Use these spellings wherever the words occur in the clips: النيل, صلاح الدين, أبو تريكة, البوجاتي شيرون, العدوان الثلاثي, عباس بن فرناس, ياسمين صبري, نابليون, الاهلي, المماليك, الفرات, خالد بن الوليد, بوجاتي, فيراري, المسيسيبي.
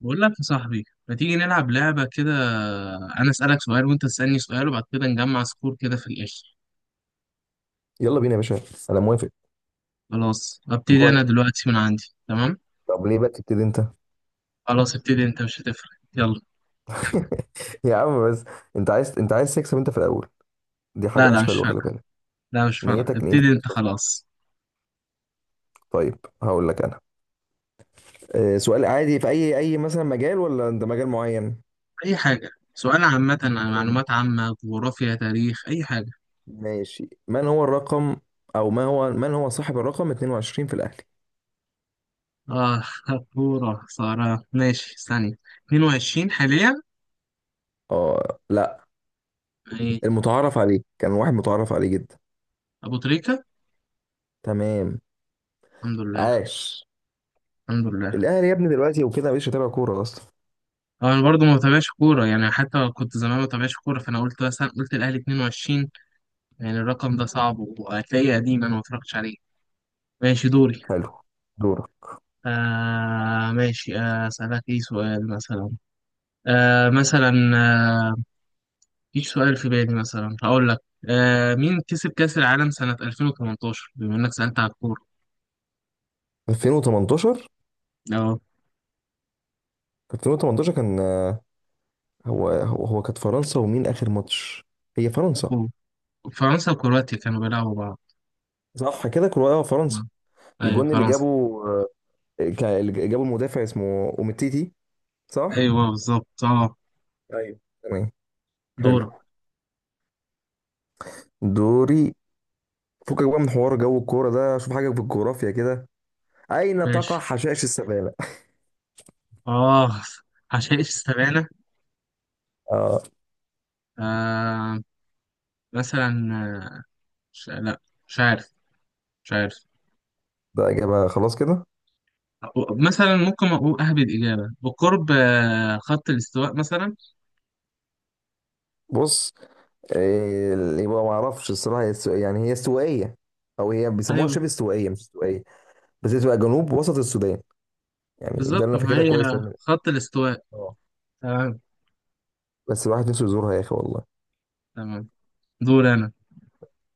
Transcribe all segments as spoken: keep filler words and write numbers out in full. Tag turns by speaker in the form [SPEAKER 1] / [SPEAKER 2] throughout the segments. [SPEAKER 1] بقول لك يا صاحبي ما تيجي نلعب لعبة كده. أنا أسألك سؤال وأنت تسألني سؤال وبعد كده نجمع سكور كده في الآخر.
[SPEAKER 2] يلا بينا يا باشا. انا موافق.
[SPEAKER 1] خلاص أبتدي
[SPEAKER 2] جوه.
[SPEAKER 1] أنا دلوقتي من عندي، تمام.
[SPEAKER 2] طب ليه بقى تبتدي انت؟
[SPEAKER 1] خلاص ابتدي أنت مش هتفرق، يلا.
[SPEAKER 2] يا عم بس. انت عايز انت عايز تكسب انت في الاول. دي حاجه
[SPEAKER 1] لا لا،
[SPEAKER 2] مش
[SPEAKER 1] مش
[SPEAKER 2] حلوه، خلي
[SPEAKER 1] فارقة.
[SPEAKER 2] بالك.
[SPEAKER 1] لا مش فارقة،
[SPEAKER 2] نيتك نيتك
[SPEAKER 1] ابتدي
[SPEAKER 2] مش
[SPEAKER 1] أنت
[SPEAKER 2] صافية.
[SPEAKER 1] خلاص.
[SPEAKER 2] طيب هقول لك انا، آه، سؤال عادي في اي اي مثلا مجال، ولا انت مجال معين؟
[SPEAKER 1] أي حاجة سؤال عامة.
[SPEAKER 2] حلو.
[SPEAKER 1] معلومات عامة، جغرافيا، تاريخ، أي حاجة.
[SPEAKER 2] ماشي، من هو الرقم او ما هو من هو صاحب الرقم اتنين وعشرين في الاهلي؟
[SPEAKER 1] آه كورة، سارة ماشي ثانية. اتنين وعشرين حاليا.
[SPEAKER 2] اه، لا.
[SPEAKER 1] إيه؟
[SPEAKER 2] المتعارف عليه، كان واحد متعارف عليه جدا.
[SPEAKER 1] أبو تريكة.
[SPEAKER 2] تمام.
[SPEAKER 1] الحمد لله.
[SPEAKER 2] عاش.
[SPEAKER 1] الحمد لله.
[SPEAKER 2] الاهلي يا ابني دلوقتي وكده، مش متابع كوره اصلا.
[SPEAKER 1] هو انا برضه ما بتابعش كوره، يعني حتى كنت زمان ما بتابعش كوره، فانا قلت مثلا قلت الاهلي اتنين وعشرين. يعني الرقم ده صعب وهتلاقيه قديم، انا ما اتفرجتش عليه. ماشي دوري.
[SPEAKER 2] حلو. دورك.
[SPEAKER 1] آه ماشي آه، اسالك ايه سؤال مثلا. آه مثلا آه مفيش سؤال في بالي، مثلا هقول لك. آه مين كسب كاس العالم سنه ألفين وتمنتاشر، بما انك سالت على الكوره.
[SPEAKER 2] ألفين وثمانية عشر؟
[SPEAKER 1] اه،
[SPEAKER 2] كانت ألفين وتمنتاشر، كان آه، هو هو هو كانت فرنسا، ومين آخر ماتش؟ هي فرنسا.
[SPEAKER 1] هو. فرنسا وكرواتيا كانوا بيلعبوا بعض.
[SPEAKER 2] صح كده، كرواتيا
[SPEAKER 1] مم.
[SPEAKER 2] فرنسا.
[SPEAKER 1] ايوه
[SPEAKER 2] الجون اللي
[SPEAKER 1] فرنسا.
[SPEAKER 2] جابه، آه، كا- اللي جابه المدافع اسمه أوميتيتي. صح.
[SPEAKER 1] ايوه بالظبط، اه.
[SPEAKER 2] ايوه تمام. حلو.
[SPEAKER 1] دورك.
[SPEAKER 2] دوري. فكك بقى من حوار جو الكورة ده، شوف حاجة في الجغرافيا كده. أين تقع
[SPEAKER 1] ماشي،
[SPEAKER 2] حشائش السبانة؟
[SPEAKER 1] اه. عشان ايش استبعدنا.
[SPEAKER 2] اه،
[SPEAKER 1] آه مثلا آه، ش- لا، مش عارف، مش عارف.
[SPEAKER 2] ده إجابة خلاص كده.
[SPEAKER 1] مثلا ممكن أقول أهبد إجابة بقرب آه، خط الاستواء مثلا.
[SPEAKER 2] بص. إيه؟ يبقى ما اعرفش الصراحة، هي استو- يعني هي استوائية، أو هي بيسموها
[SPEAKER 1] أيوه
[SPEAKER 2] شبه استوائية مش استوائية. بس هي تبقى جنوب وسط السودان، يعني ده اللي
[SPEAKER 1] بالظبط،
[SPEAKER 2] انا
[SPEAKER 1] ما
[SPEAKER 2] فاكرها
[SPEAKER 1] هي
[SPEAKER 2] كويس أوي.
[SPEAKER 1] خط الاستواء.
[SPEAKER 2] اه.
[SPEAKER 1] تمام.
[SPEAKER 2] بس الواحد نفسه يزورها يا اخي والله.
[SPEAKER 1] تمام. دور أنا.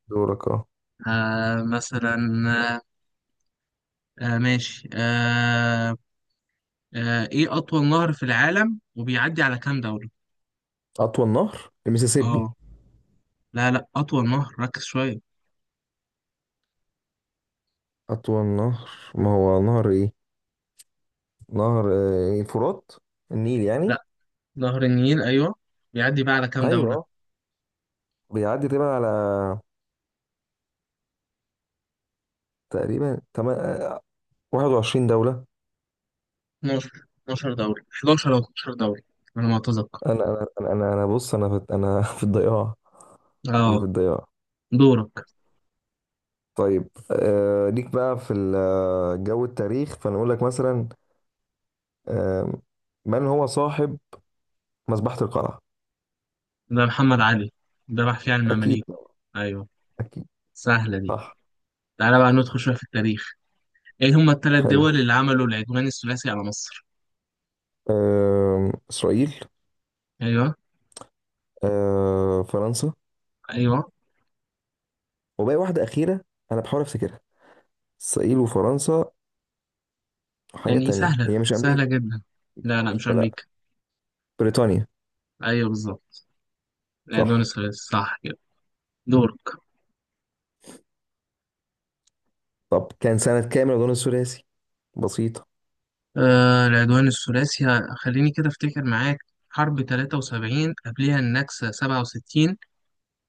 [SPEAKER 2] دورك، اه.
[SPEAKER 1] آه مثلا آه آه، ماشي آه آه إيه أطول نهر في العالم وبيعدي على كام دولة؟
[SPEAKER 2] اطول نهر المسيسيبي.
[SPEAKER 1] أه، لا لا، أطول نهر، ركز شوية.
[SPEAKER 2] اطول نهر، ما هو نهر ايه؟ نهر آه، الفرات. النيل يعني.
[SPEAKER 1] لا، نهر النيل أيوه. بيعدي بقى على كام
[SPEAKER 2] ايوه. آه.
[SPEAKER 1] دولة؟
[SPEAKER 2] بيعدي تقريبا على، تقريبا تما- آه، واحد وعشرين دولة.
[SPEAKER 1] اتناشر. اتناشر دوري، حداشر او اتناشر دوري، على ما اتذكر.
[SPEAKER 2] انا انا انا انا أنا بص، انا في انا في الضياع. انا في
[SPEAKER 1] اه.
[SPEAKER 2] الضياع.
[SPEAKER 1] دورك.
[SPEAKER 2] طيب، آه ليك بقى في ال- آه، جو التاريخ، فانا اقول لك مثلا. آه من هو صاحب مذبحة القلعة؟
[SPEAKER 1] ده محمد علي. ده محفي عن
[SPEAKER 2] اكيد.
[SPEAKER 1] المماليك. ايوه.
[SPEAKER 2] اكيد.
[SPEAKER 1] سهله دي.
[SPEAKER 2] صح.
[SPEAKER 1] تعالى بقى ندخل شويه في التاريخ. ايه هما الثلاث
[SPEAKER 2] حلو.
[SPEAKER 1] دول اللي عملوا العدوان الثلاثي على مصر؟
[SPEAKER 2] آه، إسرائيل.
[SPEAKER 1] ايوه.
[SPEAKER 2] آه، فرنسا.
[SPEAKER 1] ايوه.
[SPEAKER 2] وباقي واحدة أخيرة، أنا بحاول أفتكرها. إسرائيل وفرنسا، وحاجة
[SPEAKER 1] يعني
[SPEAKER 2] تانية
[SPEAKER 1] سهله
[SPEAKER 2] هي مش
[SPEAKER 1] سهله
[SPEAKER 2] أمريكا.
[SPEAKER 1] جدا.
[SPEAKER 2] مش
[SPEAKER 1] لا لا، مش
[SPEAKER 2] أمريكا لأ.
[SPEAKER 1] امريكا.
[SPEAKER 2] بريطانيا.
[SPEAKER 1] ايوه بالظبط، العدوان
[SPEAKER 2] صح.
[SPEAKER 1] الثلاثي صح كده. دورك.
[SPEAKER 2] طب كان سنة كام الغزو الثلاثي؟ بسيطة.
[SPEAKER 1] آه العدوان الثلاثي، خليني كده افتكر معاك. حرب تلاتة وسبعين، قبلها النكسة سبعة وستين،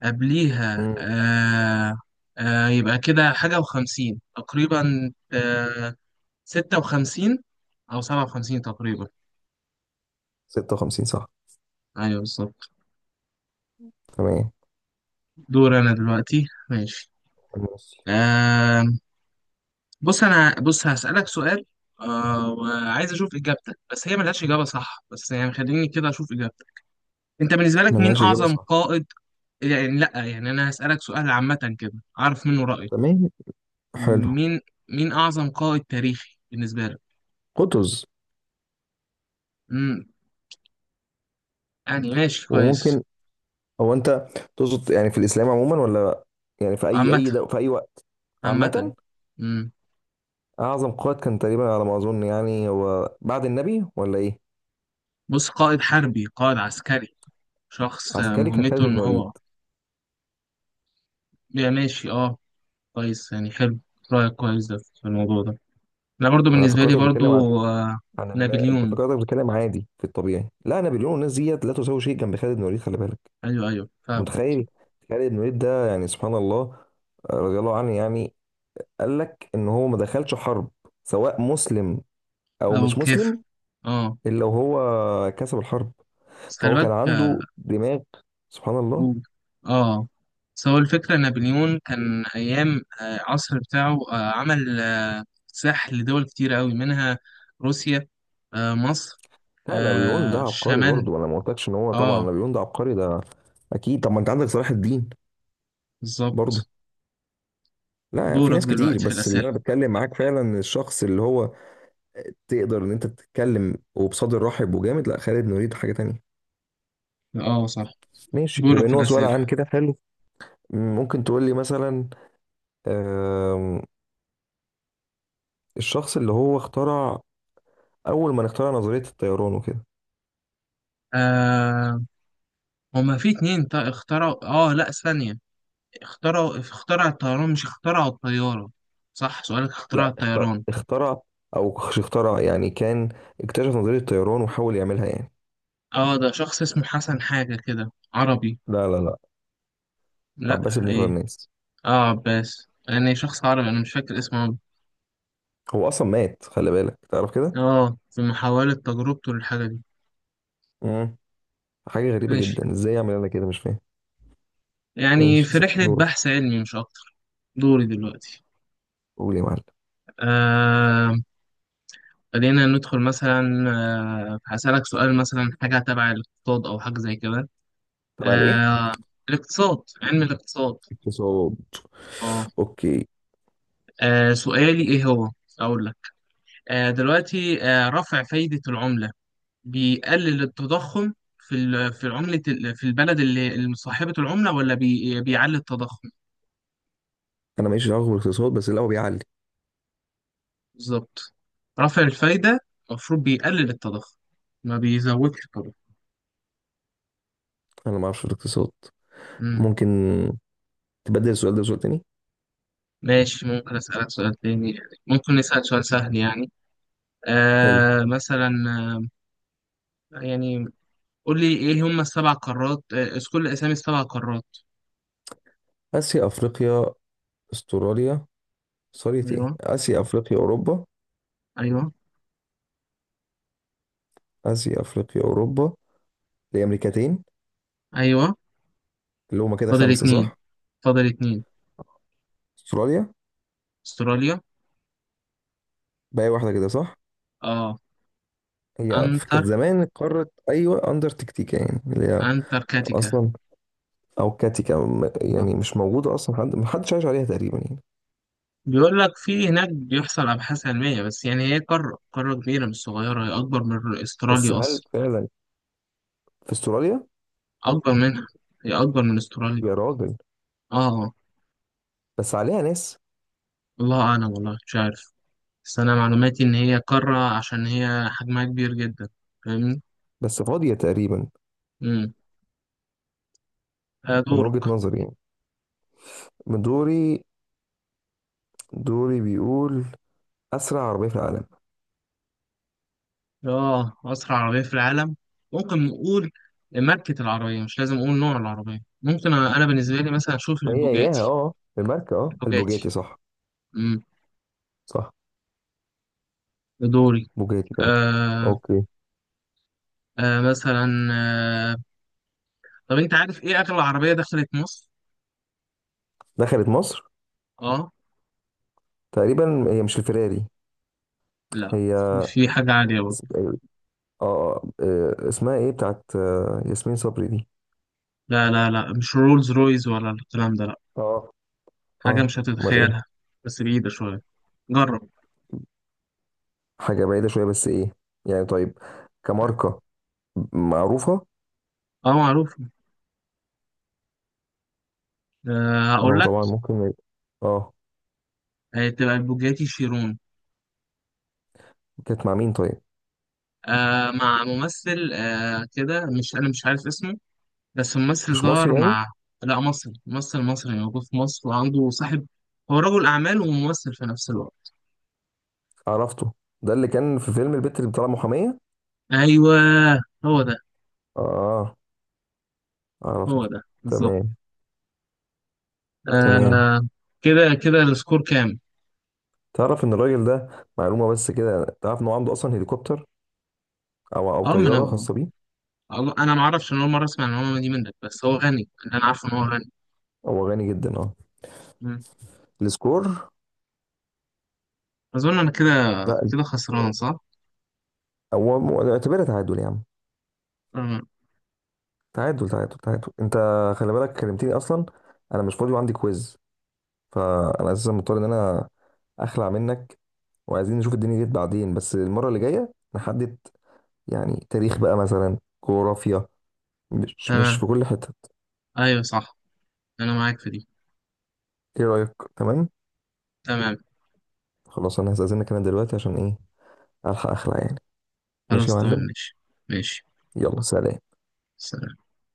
[SPEAKER 1] قبليها
[SPEAKER 2] مم.
[SPEAKER 1] آه آه يبقى كده حاجة وخمسين تقريبا، آه ستة وخمسين أو سبعة وخمسين تقريبا.
[SPEAKER 2] ست وخمسين صح.
[SPEAKER 1] أيوه بالظبط.
[SPEAKER 2] تمام.
[SPEAKER 1] دور أنا دلوقتي، ماشي.
[SPEAKER 2] ماشي.
[SPEAKER 1] آه بص أنا، بص هسألك سؤال، آه وعايز أشوف إجابتك، بس هي ملهاش إجابة صح، بس يعني خليني كده أشوف إجابتك. أنت بالنسبة لك مين
[SPEAKER 2] ملهاش إجابة
[SPEAKER 1] أعظم
[SPEAKER 2] صح.
[SPEAKER 1] قائد؟ يعني لأ، يعني أنا هسألك سؤال عامة كده، أعرف منه رأيك.
[SPEAKER 2] تمام. حلو.
[SPEAKER 1] مين، مين أعظم قائد تاريخي بالنسبة لك؟
[SPEAKER 2] قطز.
[SPEAKER 1] مم، يعني ماشي كويس.
[SPEAKER 2] وممكن. هو أنت تقصد يعني في الإسلام عموما، ولا يعني في أي
[SPEAKER 1] عامة.
[SPEAKER 2] أي دو في أي وقت؟
[SPEAKER 1] عامة.
[SPEAKER 2] عامة.
[SPEAKER 1] مم.
[SPEAKER 2] أعظم قائد كان تقريبا على ما أظن، يعني هو بعد النبي، ولا إيه؟
[SPEAKER 1] بص، قائد حربي، قائد عسكري، شخص آه،
[SPEAKER 2] عسكري، كان خالد
[SPEAKER 1] مهمته
[SPEAKER 2] بن
[SPEAKER 1] ان
[SPEAKER 2] الوليد.
[SPEAKER 1] هو. يا ماشي اه. كويس، يعني حلو. رأيك كويس ده في الموضوع ده. انا برضو
[SPEAKER 2] انا
[SPEAKER 1] بالنسبة لي
[SPEAKER 2] فكرتك بتتكلم عن،
[SPEAKER 1] برضو آه،
[SPEAKER 2] عن الن- انت
[SPEAKER 1] نابليون.
[SPEAKER 2] فكرتك بتتكلم عادي في الطبيعي، لا نابليون والناس ديت لا تساوي شيء جنب خالد بن الوليد، خلي بالك.
[SPEAKER 1] ايوه ايوه،
[SPEAKER 2] انت
[SPEAKER 1] فاهم.
[SPEAKER 2] متخيل، خالد بن الوليد ده، يعني سبحان الله، آه، رضي الله عنه يعني. قال لك ان هو ما دخلش حرب، سواء مسلم، او
[SPEAKER 1] او
[SPEAKER 2] مش
[SPEAKER 1] كيف،
[SPEAKER 2] مسلم،
[SPEAKER 1] اه.
[SPEAKER 2] الا وهو كسب الحرب.
[SPEAKER 1] بس خلي
[SPEAKER 2] فهو كان
[SPEAKER 1] بالك.
[SPEAKER 2] عنده دماغ، سبحان الله.
[SPEAKER 1] مم. اه بس هو الفكرة نابليون كان أيام آه، عصر بتاعه، آه، عمل آه، ساح لدول كتير أوي منها روسيا، آه، مصر،
[SPEAKER 2] لا، نابليون ده
[SPEAKER 1] آه،
[SPEAKER 2] عبقري
[SPEAKER 1] الشمال.
[SPEAKER 2] برضه، انا ما قلتلكش ان هو، طبعا
[SPEAKER 1] اه
[SPEAKER 2] نابليون ده عبقري ده، اكيد. طب ما انت عندك صلاح الدين برضه.
[SPEAKER 1] بالظبط.
[SPEAKER 2] لا، في
[SPEAKER 1] دورك
[SPEAKER 2] ناس كتير،
[SPEAKER 1] دلوقتي في
[SPEAKER 2] بس اللي
[SPEAKER 1] الأسئلة.
[SPEAKER 2] انا بتكلم معاك فعلا الشخص اللي هو، تقدر ان انت تتكلم وبصدر رحب وجامد، لا خالد، نريد حاجه تانية.
[SPEAKER 1] اه صح.
[SPEAKER 2] ماشي، بما
[SPEAKER 1] دورك في
[SPEAKER 2] ان هو سؤال
[SPEAKER 1] الأسئلة.
[SPEAKER 2] عن كده. حلو. ممكن تقول لي مثلا، آم، الشخص اللي هو اخترع، اول ما اخترع نظريه الطيران وكده.
[SPEAKER 1] آه هما في اتنين تا- اخترعوا، اه لا ثانية، اخترعوا اخترع الطيران مش اخترعوا الطيارة. صح، سؤالك اخترع
[SPEAKER 2] لا، اخترع,
[SPEAKER 1] الطيران.
[SPEAKER 2] اخترع او مش اخترع يعني، كان اكتشف نظريه الطيران وحاول يعملها يعني.
[SPEAKER 1] اه ده شخص اسمه حسن حاجة كده عربي.
[SPEAKER 2] لا لا لا. عباس
[SPEAKER 1] لا،
[SPEAKER 2] بن
[SPEAKER 1] إيه؟
[SPEAKER 2] فرناس.
[SPEAKER 1] اه عباس، يعني شخص عربي انا مش فاكر اسمه أوي.
[SPEAKER 2] هو اصلا مات، خلي بالك تعرف كده.
[SPEAKER 1] اه في محاولة تجربته للحاجة دي.
[SPEAKER 2] امم حاجه غريبه
[SPEAKER 1] ماشي،
[SPEAKER 2] جدا، ازاي يعمل، انا كده مش فاهم.
[SPEAKER 1] يعني في
[SPEAKER 2] ماشي.
[SPEAKER 1] رحلة
[SPEAKER 2] دورك.
[SPEAKER 1] بحث علمي مش أكتر. دوري دلوقتي.
[SPEAKER 2] قول يا معلم.
[SPEAKER 1] آه خلينا ندخل مثلا. آه هسألك سؤال مثلا، حاجة تبع الاقتصاد أو حاجة زي كده.
[SPEAKER 2] تبع الايه؟
[SPEAKER 1] آه الاقتصاد، علم الاقتصاد.
[SPEAKER 2] اقتصاد.
[SPEAKER 1] اه.
[SPEAKER 2] اوكي.
[SPEAKER 1] آه، سؤالي إيه هو؟ أقول لك. آه دلوقتي آه رفع فايدة العملة بيقلل التضخم في ال- في عملة ال- في البلد اللي اللي صاحبة العملة، ولا بي- بيعلي التضخم.
[SPEAKER 2] انا ماليش دعوه بالاقتصاد، بس اللي هو بيعلي.
[SPEAKER 1] بالظبط، رفع الفايدة المفروض بيقلل التضخم، ما بيزودش التضخم.
[SPEAKER 2] انا ما اعرفش في الاقتصاد.
[SPEAKER 1] مم.
[SPEAKER 2] ممكن تبدل السؤال ده بسؤال تاني.
[SPEAKER 1] ماشي، ممكن أسألك سؤال تاني، يعني ممكن نسأل سؤال سهل يعني.
[SPEAKER 2] حلو.
[SPEAKER 1] آه مثلا آه، يعني قول لي إيه هم السبع قارات، آه، اذكر لي أسامي السبع قارات.
[SPEAKER 2] اسيا، افريقيا، استراليا. سوري، ايه،
[SPEAKER 1] أيوه.
[SPEAKER 2] اسيا، افريقيا، اوروبا.
[SPEAKER 1] أيوه.
[SPEAKER 2] اسيا، افريقيا، اوروبا. دي امريكتين.
[SPEAKER 1] أيوه.
[SPEAKER 2] اللي هما كده
[SPEAKER 1] فاضل
[SPEAKER 2] خمسه،
[SPEAKER 1] اتنين.
[SPEAKER 2] صح.
[SPEAKER 1] فاضل اتنين.
[SPEAKER 2] استراليا.
[SPEAKER 1] أستراليا.
[SPEAKER 2] باقي واحده كده، صح.
[SPEAKER 1] آه.
[SPEAKER 2] هي في- كانت
[SPEAKER 1] أنتر
[SPEAKER 2] زمان قارة، أيوة، أندرتكتيكا، يعني اللي هي
[SPEAKER 1] أنتاركتيكا.
[SPEAKER 2] أصلا، أو كاتيكا، م-
[SPEAKER 1] آه.
[SPEAKER 2] يعني مش موجودة أصلا، حد محدش عايش عليها تقريبا يعني.
[SPEAKER 1] بيقول لك في هناك بيحصل أبحاث علمية، بس يعني هي قارة، قارة كبيرة مش صغيرة، هي أكبر من
[SPEAKER 2] بس
[SPEAKER 1] أستراليا
[SPEAKER 2] هل
[SPEAKER 1] أصلا.
[SPEAKER 2] فعلا في استراليا؟
[SPEAKER 1] أكبر منها، هي أكبر من أستراليا.
[SPEAKER 2] يا راجل.
[SPEAKER 1] آه.
[SPEAKER 2] بس عليها ناس.
[SPEAKER 1] الله أعلم، والله مش عارف. بس أنا معلوماتي إن هي قارة عشان هي حجمها كبير جدا. فاهمني؟
[SPEAKER 2] بس فاضية تقريبا.
[SPEAKER 1] أمم.
[SPEAKER 2] من وجهة
[SPEAKER 1] دورك.
[SPEAKER 2] نظري يعني. من دوري. دوري بيقول، أسرع عربية في العالم؟
[SPEAKER 1] آه أسرع عربية في العالم، ممكن نقول ماركة العربية، مش لازم أقول نوع العربية، ممكن أنا، أنا بالنسبة لي مثلا أشوف
[SPEAKER 2] ما هي إياها،
[SPEAKER 1] البوجاتي.
[SPEAKER 2] أه. الماركة، أه، البوجاتي
[SPEAKER 1] البوجاتي.
[SPEAKER 2] صح.
[SPEAKER 1] أمم.
[SPEAKER 2] صح.
[SPEAKER 1] دوري.
[SPEAKER 2] بوجاتي فعلا.
[SPEAKER 1] آه
[SPEAKER 2] أوكي.
[SPEAKER 1] آه مثلا آه، طب انت عارف ايه اغلى عربيه دخلت مصر؟
[SPEAKER 2] دخلت مصر؟
[SPEAKER 1] اه
[SPEAKER 2] تقريبا هي مش الفيراري؟
[SPEAKER 1] لا،
[SPEAKER 2] هي
[SPEAKER 1] في في حاجه عاليه برضه.
[SPEAKER 2] اسم- أيوة. اه، آه، آه، اسمها ايه بتاعت آه، ياسمين صبري دي؟
[SPEAKER 1] لا لا لا، مش رولز رويز ولا الكلام ده، لا.
[SPEAKER 2] اه،
[SPEAKER 1] حاجه
[SPEAKER 2] اه،
[SPEAKER 1] مش
[SPEAKER 2] امال ايه؟
[SPEAKER 1] هتتخيلها. بس بعيده شويه، جرب.
[SPEAKER 2] حاجة بعيدة شوية، بس ايه؟ يعني طيب.
[SPEAKER 1] لا.
[SPEAKER 2] كماركة معروفة.
[SPEAKER 1] اه معروف. آه
[SPEAKER 2] ما
[SPEAKER 1] هقول
[SPEAKER 2] هو
[SPEAKER 1] لك،
[SPEAKER 2] طبعا ممكن. اه.
[SPEAKER 1] هتبقى البوجاتي شيرون.
[SPEAKER 2] كانت مع مين طيب؟
[SPEAKER 1] آه مع ممثل آه كده، مش انا مش عارف اسمه، بس ممثل
[SPEAKER 2] مش مصري
[SPEAKER 1] ظهر
[SPEAKER 2] يعني؟
[SPEAKER 1] مع. لا مصري، ممثل مصري موجود في مصر، وعنده صاحب، هو رجل اعمال وممثل في نفس الوقت.
[SPEAKER 2] عرفته. ده اللي كان في فيلم البت اللي بتطلع محامية.
[SPEAKER 1] ايوه، هو ده.
[SPEAKER 2] اه،
[SPEAKER 1] هو
[SPEAKER 2] عرفته.
[SPEAKER 1] ده بالظبط.
[SPEAKER 2] تمام. تمام.
[SPEAKER 1] آه. كده كده السكور كام؟
[SPEAKER 2] تعرف ان الراجل ده، معلومة بس كده، تعرف ان هو عنده اصلا هليكوبتر، او او
[SPEAKER 1] اه ما انا
[SPEAKER 2] طيارة
[SPEAKER 1] آه،
[SPEAKER 2] خاصة بيه.
[SPEAKER 1] الله- انا ما اعرفش، انا اول مره اسمع المعلومه دي منك، بس هو غني، اللي انا عارفه ان هو غني.
[SPEAKER 2] هو غني جدا، اه.
[SPEAKER 1] مم.
[SPEAKER 2] السكور؟
[SPEAKER 1] اظن انا كده،
[SPEAKER 2] لا.
[SPEAKER 1] كده خسران صح؟
[SPEAKER 2] هو م- اعتبرها تعادل يا عم.
[SPEAKER 1] آه.
[SPEAKER 2] تعادل، تعادل، تعادل. انت خلي بالك كلمتني اصلا، انا مش فاضي وعندي كويز، فانا اساسا مضطر ان انا اخلع منك، وعايزين نشوف الدنيا ديت بعدين، بس المرة اللي جاية نحدد يعني، تاريخ بقى مثلا، جغرافيا، مش مش
[SPEAKER 1] تمام.
[SPEAKER 2] في كل حتة.
[SPEAKER 1] ايوه صح، انا معاك في دي.
[SPEAKER 2] ايه رأيك؟ تمام.
[SPEAKER 1] تمام.
[SPEAKER 2] خلاص انا هستأذنك انا دلوقتي عشان ايه، الحق اخلع يعني. ماشي
[SPEAKER 1] خلاص،
[SPEAKER 2] يا
[SPEAKER 1] تمام
[SPEAKER 2] معلم.
[SPEAKER 1] ماشي. ماشي.
[SPEAKER 2] يلا، سلام.
[SPEAKER 1] سلام.